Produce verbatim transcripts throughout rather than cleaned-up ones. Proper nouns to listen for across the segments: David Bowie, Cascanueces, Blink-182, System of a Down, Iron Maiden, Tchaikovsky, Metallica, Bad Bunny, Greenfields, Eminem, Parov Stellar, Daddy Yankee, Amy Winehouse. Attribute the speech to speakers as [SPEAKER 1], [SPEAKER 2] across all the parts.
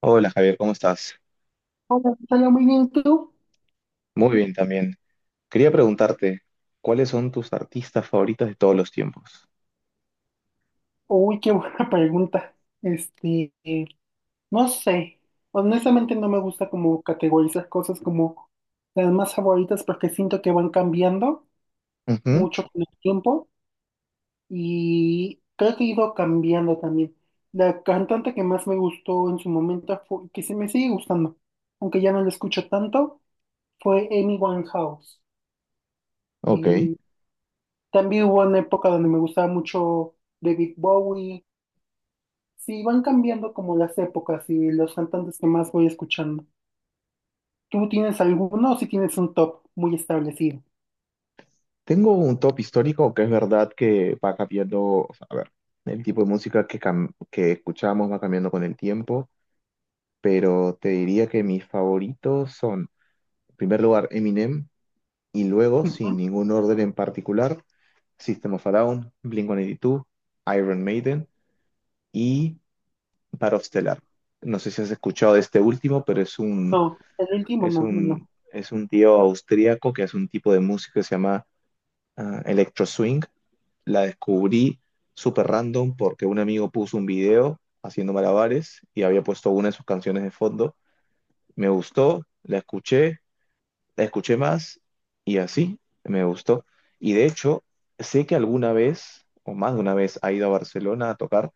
[SPEAKER 1] Hola, Javier, ¿cómo estás?
[SPEAKER 2] Hola, Natalia, muy bien, ¿y tú?
[SPEAKER 1] Muy bien también. Quería preguntarte, ¿cuáles son tus artistas favoritos de todos los tiempos?
[SPEAKER 2] Uy, qué buena pregunta. Este, eh, no sé. Honestamente no me gusta como categorizar cosas como las más favoritas porque siento que van cambiando
[SPEAKER 1] Ujú,
[SPEAKER 2] mucho con el tiempo y creo que he ido cambiando también. La cantante que más me gustó en su momento, fue que se me sigue gustando, aunque ya no la escucho tanto, fue Amy Winehouse.
[SPEAKER 1] ok.
[SPEAKER 2] Y también hubo una época donde me gustaba mucho David Bowie. Sí, van cambiando como las épocas y los cantantes que más voy escuchando. ¿Tú tienes alguno o si tienes un top muy establecido?
[SPEAKER 1] Tengo un top histórico que es verdad que va cambiando, o sea, a ver, el tipo de música que, cam- que escuchamos va cambiando con el tiempo, pero te diría que mis favoritos son, en primer lugar, Eminem, y luego,
[SPEAKER 2] Ujú.
[SPEAKER 1] sin ningún orden en particular, System of a Down, Blink uno ochenta y dos, Iron Maiden, Paro Stellar. No sé si has escuchado de este último, pero es un,
[SPEAKER 2] No, el último
[SPEAKER 1] es
[SPEAKER 2] no, no, no.
[SPEAKER 1] un, es un tío austríaco que hace un tipo de música que se llama ah, electro swing. La descubrí súper random porque un amigo puso un video haciendo malabares y había puesto una de sus canciones de fondo. Me gustó, la escuché, la escuché más y así me gustó. Y de hecho, sé que alguna vez, o más de una vez, ha ido a Barcelona a tocar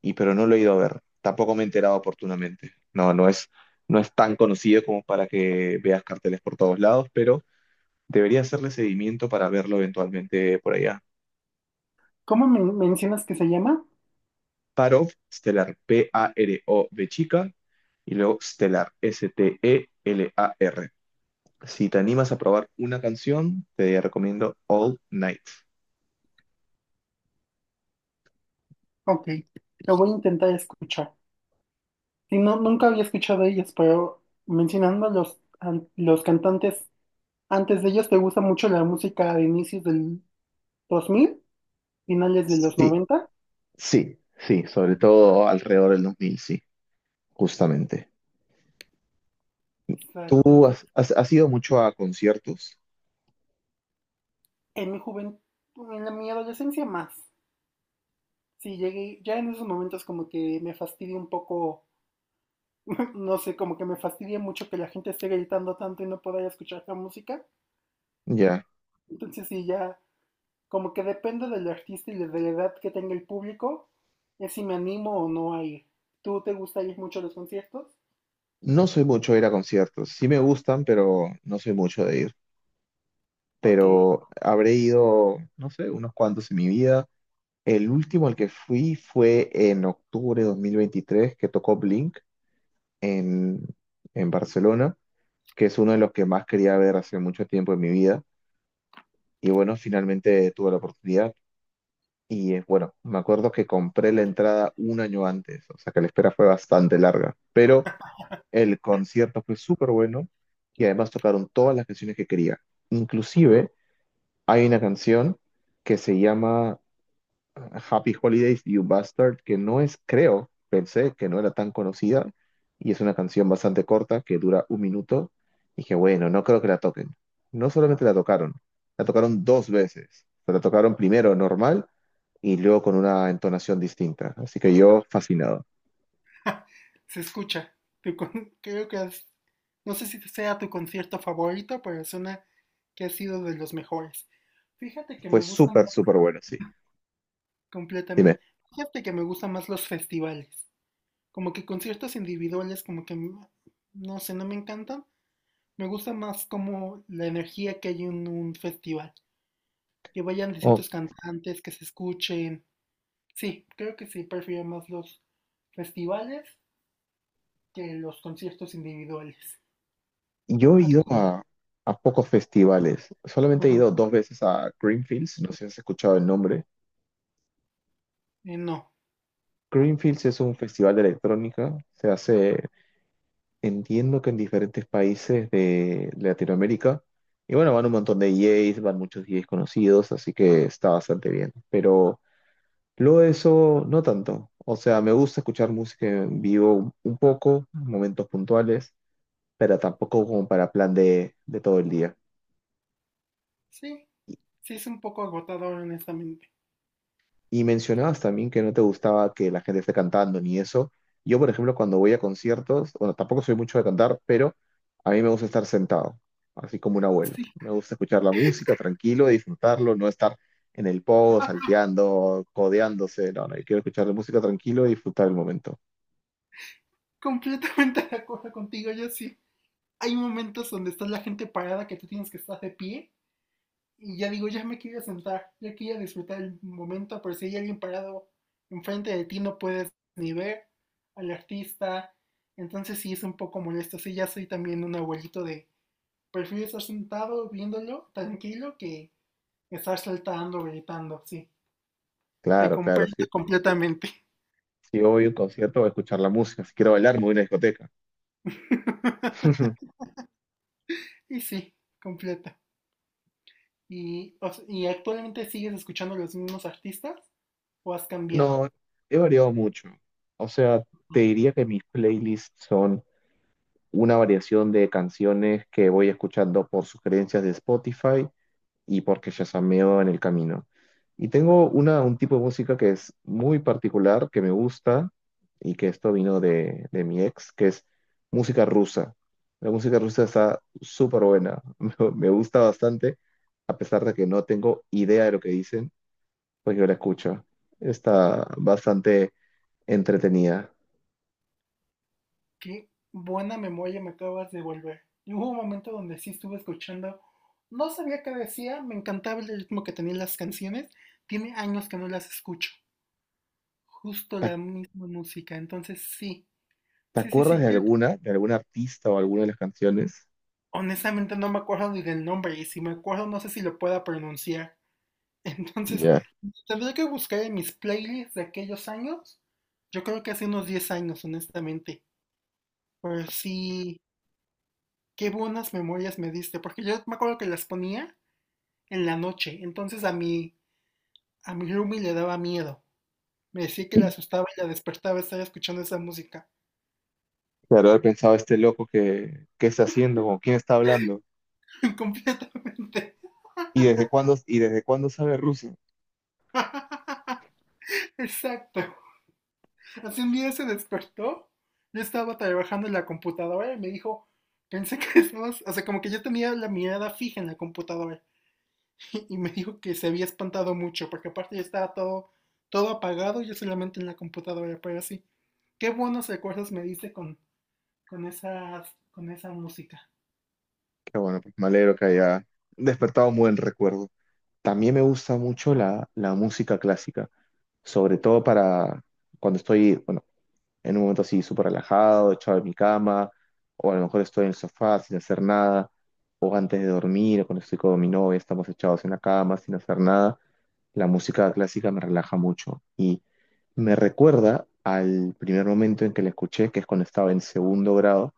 [SPEAKER 1] y pero no lo he ido a ver. Tampoco me he enterado oportunamente. No, no es, no es tan conocido como para que veas carteles por todos lados, pero debería hacerle seguimiento para verlo eventualmente por allá.
[SPEAKER 2] ¿Cómo me mencionas que se llama?
[SPEAKER 1] Parov, Stellar, P A R O V chica, y luego Stellar, S T E L A R. Si te animas a probar una canción, te recomiendo All Night.
[SPEAKER 2] Ok, lo voy a intentar escuchar. Y no, nunca había escuchado de ellos, pero mencionando a los, an- los cantantes antes de ellos, ¿te gusta mucho la música de inicios del dos mil, finales de los
[SPEAKER 1] Sí,
[SPEAKER 2] noventa?
[SPEAKER 1] sí, sí, sobre todo alrededor del dos mil, sí, justamente.
[SPEAKER 2] Exacto.
[SPEAKER 1] ¿Tú
[SPEAKER 2] ent-
[SPEAKER 1] has, has, has ido mucho a conciertos?
[SPEAKER 2] En mi juventud, en la- mi adolescencia más. Sí, llegué, ya en esos momentos como que me fastidia un poco, no sé, como que me fastidia mucho que la gente esté gritando tanto y no poder escuchar la música.
[SPEAKER 1] Ya.
[SPEAKER 2] Entonces sí, ya como que depende del artista y de la edad que tenga el público, es si me animo o no a ir. ¿Tú te gusta ir mucho a los conciertos?
[SPEAKER 1] No soy mucho de ir a conciertos. Sí me gustan, pero no soy mucho de ir.
[SPEAKER 2] Ok,
[SPEAKER 1] Pero habré ido, no sé, unos cuantos en mi vida. El último al que fui fue en octubre de dos mil veintitrés, que tocó Blink en, en Barcelona, que es uno de los que más quería ver hace mucho tiempo en mi vida. Y bueno, finalmente tuve la oportunidad. Y eh, bueno, me acuerdo que compré la entrada un año antes, o sea que la espera fue bastante larga. Pero el concierto fue súper bueno y además tocaron todas las canciones que quería. Inclusive hay una canción que se llama Happy Holidays, You Bastard, que no es, creo, pensé que no era tan conocida y es una canción bastante corta que dura un minuto. Dije, bueno, no creo que la toquen. No solamente la tocaron, la tocaron dos veces. La tocaron primero normal y luego con una entonación distinta. Así que yo fascinado.
[SPEAKER 2] se escucha. Tu con- Creo que es- no sé si sea tu concierto favorito, pero suena que ha sido de los mejores. Fíjate que
[SPEAKER 1] Fue
[SPEAKER 2] me gustan
[SPEAKER 1] súper, súper bueno, sí. Dime.
[SPEAKER 2] completamente. Fíjate que me gustan más los festivales. Como que conciertos individuales, como que m- no sé, no me encantan. Me gusta más como la energía que hay en un festival, que vayan
[SPEAKER 1] Ok.
[SPEAKER 2] distintos cantantes, que se escuchen. Sí, creo que sí, prefiero más los festivales que los conciertos individuales.
[SPEAKER 1] Yo he
[SPEAKER 2] Ah,
[SPEAKER 1] ido a, a pocos festivales. Solamente he
[SPEAKER 2] ujú,
[SPEAKER 1] ido dos veces a Greenfields, no sé si has escuchado el nombre.
[SPEAKER 2] eh, no,
[SPEAKER 1] Greenfields es un festival de electrónica. Se hace, entiendo que en diferentes países de Latinoamérica. Y bueno, van un montón de D Js, van muchos D Js conocidos, así que está bastante bien. Pero luego de eso, no tanto. O sea, me gusta escuchar música en vivo un poco, en momentos puntuales, pero tampoco como para plan de de todo el día.
[SPEAKER 2] sí, sí es un poco agotador, honestamente.
[SPEAKER 1] Y mencionabas también que no te gustaba que la gente esté cantando ni eso. Yo, por ejemplo, cuando voy a conciertos, bueno, tampoco soy mucho de cantar, pero a mí me gusta estar sentado, así como un abuelo.
[SPEAKER 2] Sí,
[SPEAKER 1] Me gusta escuchar la música tranquilo, disfrutarlo, no estar en el pogo, salteando, codeándose. No, no, yo quiero escuchar la música tranquilo y disfrutar el momento.
[SPEAKER 2] completamente de acuerdo contigo, yo sí. Hay momentos donde está la gente parada que tú tienes que estar de pie. Y ya digo, ya me quería sentar, ya quería disfrutar el momento, pero si hay alguien parado enfrente de ti, no puedes ni ver al artista. Entonces sí es un poco molesto. Sí, ya soy también un abuelito de, prefiero estar sentado viéndolo tranquilo que estar saltando, gritando. Sí, te
[SPEAKER 1] Claro, claro.
[SPEAKER 2] comprendo
[SPEAKER 1] Si,
[SPEAKER 2] completamente.
[SPEAKER 1] si voy a un concierto, voy a escuchar la música. Si quiero bailar, me voy a una discoteca.
[SPEAKER 2] Y sí, completa. Y, o sea, ¿y actualmente sigues escuchando los mismos artistas o has cambiado?
[SPEAKER 1] No, he variado mucho. O sea, te diría que mis playlists son una variación de canciones que voy escuchando por sugerencias de Spotify y porque yazameo en el camino. Y tengo una, un tipo de música que es muy particular, que me gusta y que esto vino de, de mi ex, que es música rusa. La música rusa está súper buena, me me gusta bastante, a pesar de que no tengo idea de lo que dicen, pues yo la escucho. Está bastante entretenida.
[SPEAKER 2] Qué buena memoria me acabas de volver. Y hubo un momento donde sí estuve escuchando, no sabía qué decía, me encantaba el ritmo que tenían las canciones, tiene años que no las escucho, justo
[SPEAKER 1] ¿Te,
[SPEAKER 2] la misma música, entonces sí,
[SPEAKER 1] te
[SPEAKER 2] sí, sí,
[SPEAKER 1] acuerdas
[SPEAKER 2] sí,
[SPEAKER 1] de
[SPEAKER 2] creo que-
[SPEAKER 1] alguna, de algún artista o alguna de las canciones?
[SPEAKER 2] honestamente no me acuerdo ni del nombre y si me acuerdo no sé si lo pueda pronunciar, entonces
[SPEAKER 1] Ya,
[SPEAKER 2] tendré que buscar en mis playlists de aquellos años, yo creo que hace unos diez años, honestamente, pero sí, qué buenas memorias me diste, porque yo me acuerdo que las ponía en la noche. Entonces a mi, a mi roomie le daba miedo. Me decía que le asustaba y la despertaba estar escuchando esa música.
[SPEAKER 1] claro, haber pensado este loco que, qué está haciendo, con quién está hablando
[SPEAKER 2] Completamente.
[SPEAKER 1] y desde cuándo y desde cuándo sabe ruso.
[SPEAKER 2] Exacto. Así un día se despertó. Yo estaba trabajando en la computadora y me dijo, pensé que estabas, o sea, como que yo tenía la mirada fija en la computadora. Y me dijo que se había espantado mucho, porque aparte ya estaba todo, todo apagado, yo solamente en la computadora, pero así. Qué buenos recuerdos me dice con, con esas, con esa música.
[SPEAKER 1] Qué bueno, pues me alegro que haya despertado un buen recuerdo. También me gusta mucho la, la música clásica, sobre todo para cuando estoy, bueno, en un momento así súper relajado, echado en mi cama, o a lo mejor estoy en el sofá sin hacer nada antes de dormir o cuando estoy con mi novia, estamos echados en la cama sin hacer nada, la música clásica me relaja mucho y me recuerda al primer momento en que la escuché, que es cuando estaba en segundo grado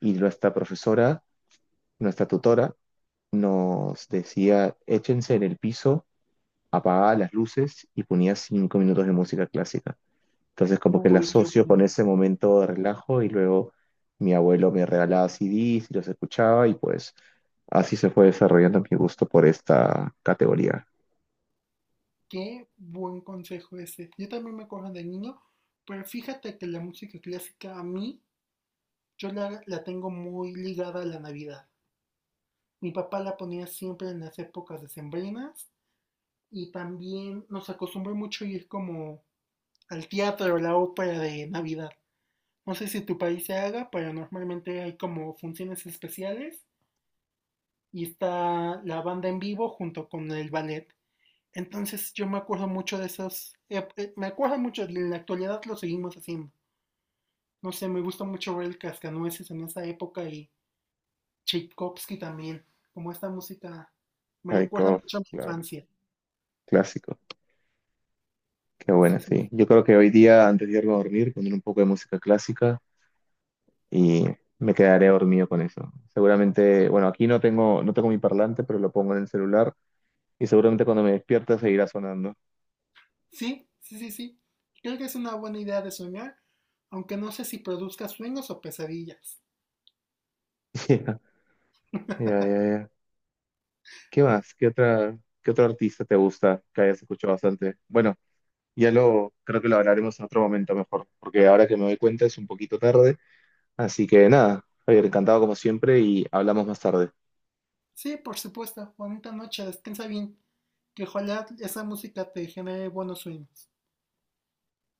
[SPEAKER 1] y nuestra profesora, nuestra tutora, nos decía, échense en el piso, apagaba las luces y ponía cinco minutos de música clásica. Entonces como que la
[SPEAKER 2] Uy, qué
[SPEAKER 1] asocio
[SPEAKER 2] bueno.
[SPEAKER 1] con ese momento de relajo y luego mi abuelo me regalaba C Ds y los escuchaba y pues así se fue desarrollando mi gusto por esta categoría.
[SPEAKER 2] Qué buen consejo ese. Yo también me acuerdo de niño, pero fíjate que la música clásica a mí, yo la, la tengo muy ligada a la Navidad. Mi papá la ponía siempre en las épocas decembrinas y también nos acostumbró mucho a ir como al teatro, la ópera de Navidad. No sé si tu país se haga, pero normalmente hay como funciones especiales y está la banda en vivo junto con el ballet. Entonces yo me acuerdo mucho de esos, eh, eh, me acuerdo mucho, en la actualidad lo seguimos haciendo. No sé, me gusta mucho ver el Cascanueces en esa época y Tchaikovsky también, como esta música me recuerda
[SPEAKER 1] Rykov,
[SPEAKER 2] mucho a mi
[SPEAKER 1] claro,
[SPEAKER 2] infancia.
[SPEAKER 1] clásico, qué
[SPEAKER 2] Sí,
[SPEAKER 1] buena,
[SPEAKER 2] sí,
[SPEAKER 1] sí. Yo creo que hoy día antes de irme a dormir poner un poco de música clásica y me quedaré dormido con eso. Seguramente, bueno, aquí no tengo, no tengo mi parlante, pero lo pongo en el celular y seguramente cuando me despierta seguirá sonando.
[SPEAKER 2] sí, sí, sí, sí. Creo que es una buena idea de soñar, aunque no sé si produzca sueños o pesadillas.
[SPEAKER 1] Ya, ya, ya, ya. ¿Qué más? ¿Qué otra, qué otro artista te gusta que hayas escuchado bastante? Bueno, ya lo, creo que lo hablaremos en otro momento mejor, porque ahora que me doy cuenta es un poquito tarde. Así que nada, Javier, encantado como siempre y hablamos más tarde.
[SPEAKER 2] Sí, por supuesto, bonita noche, descansa bien, que ojalá esa música te genere buenos sueños.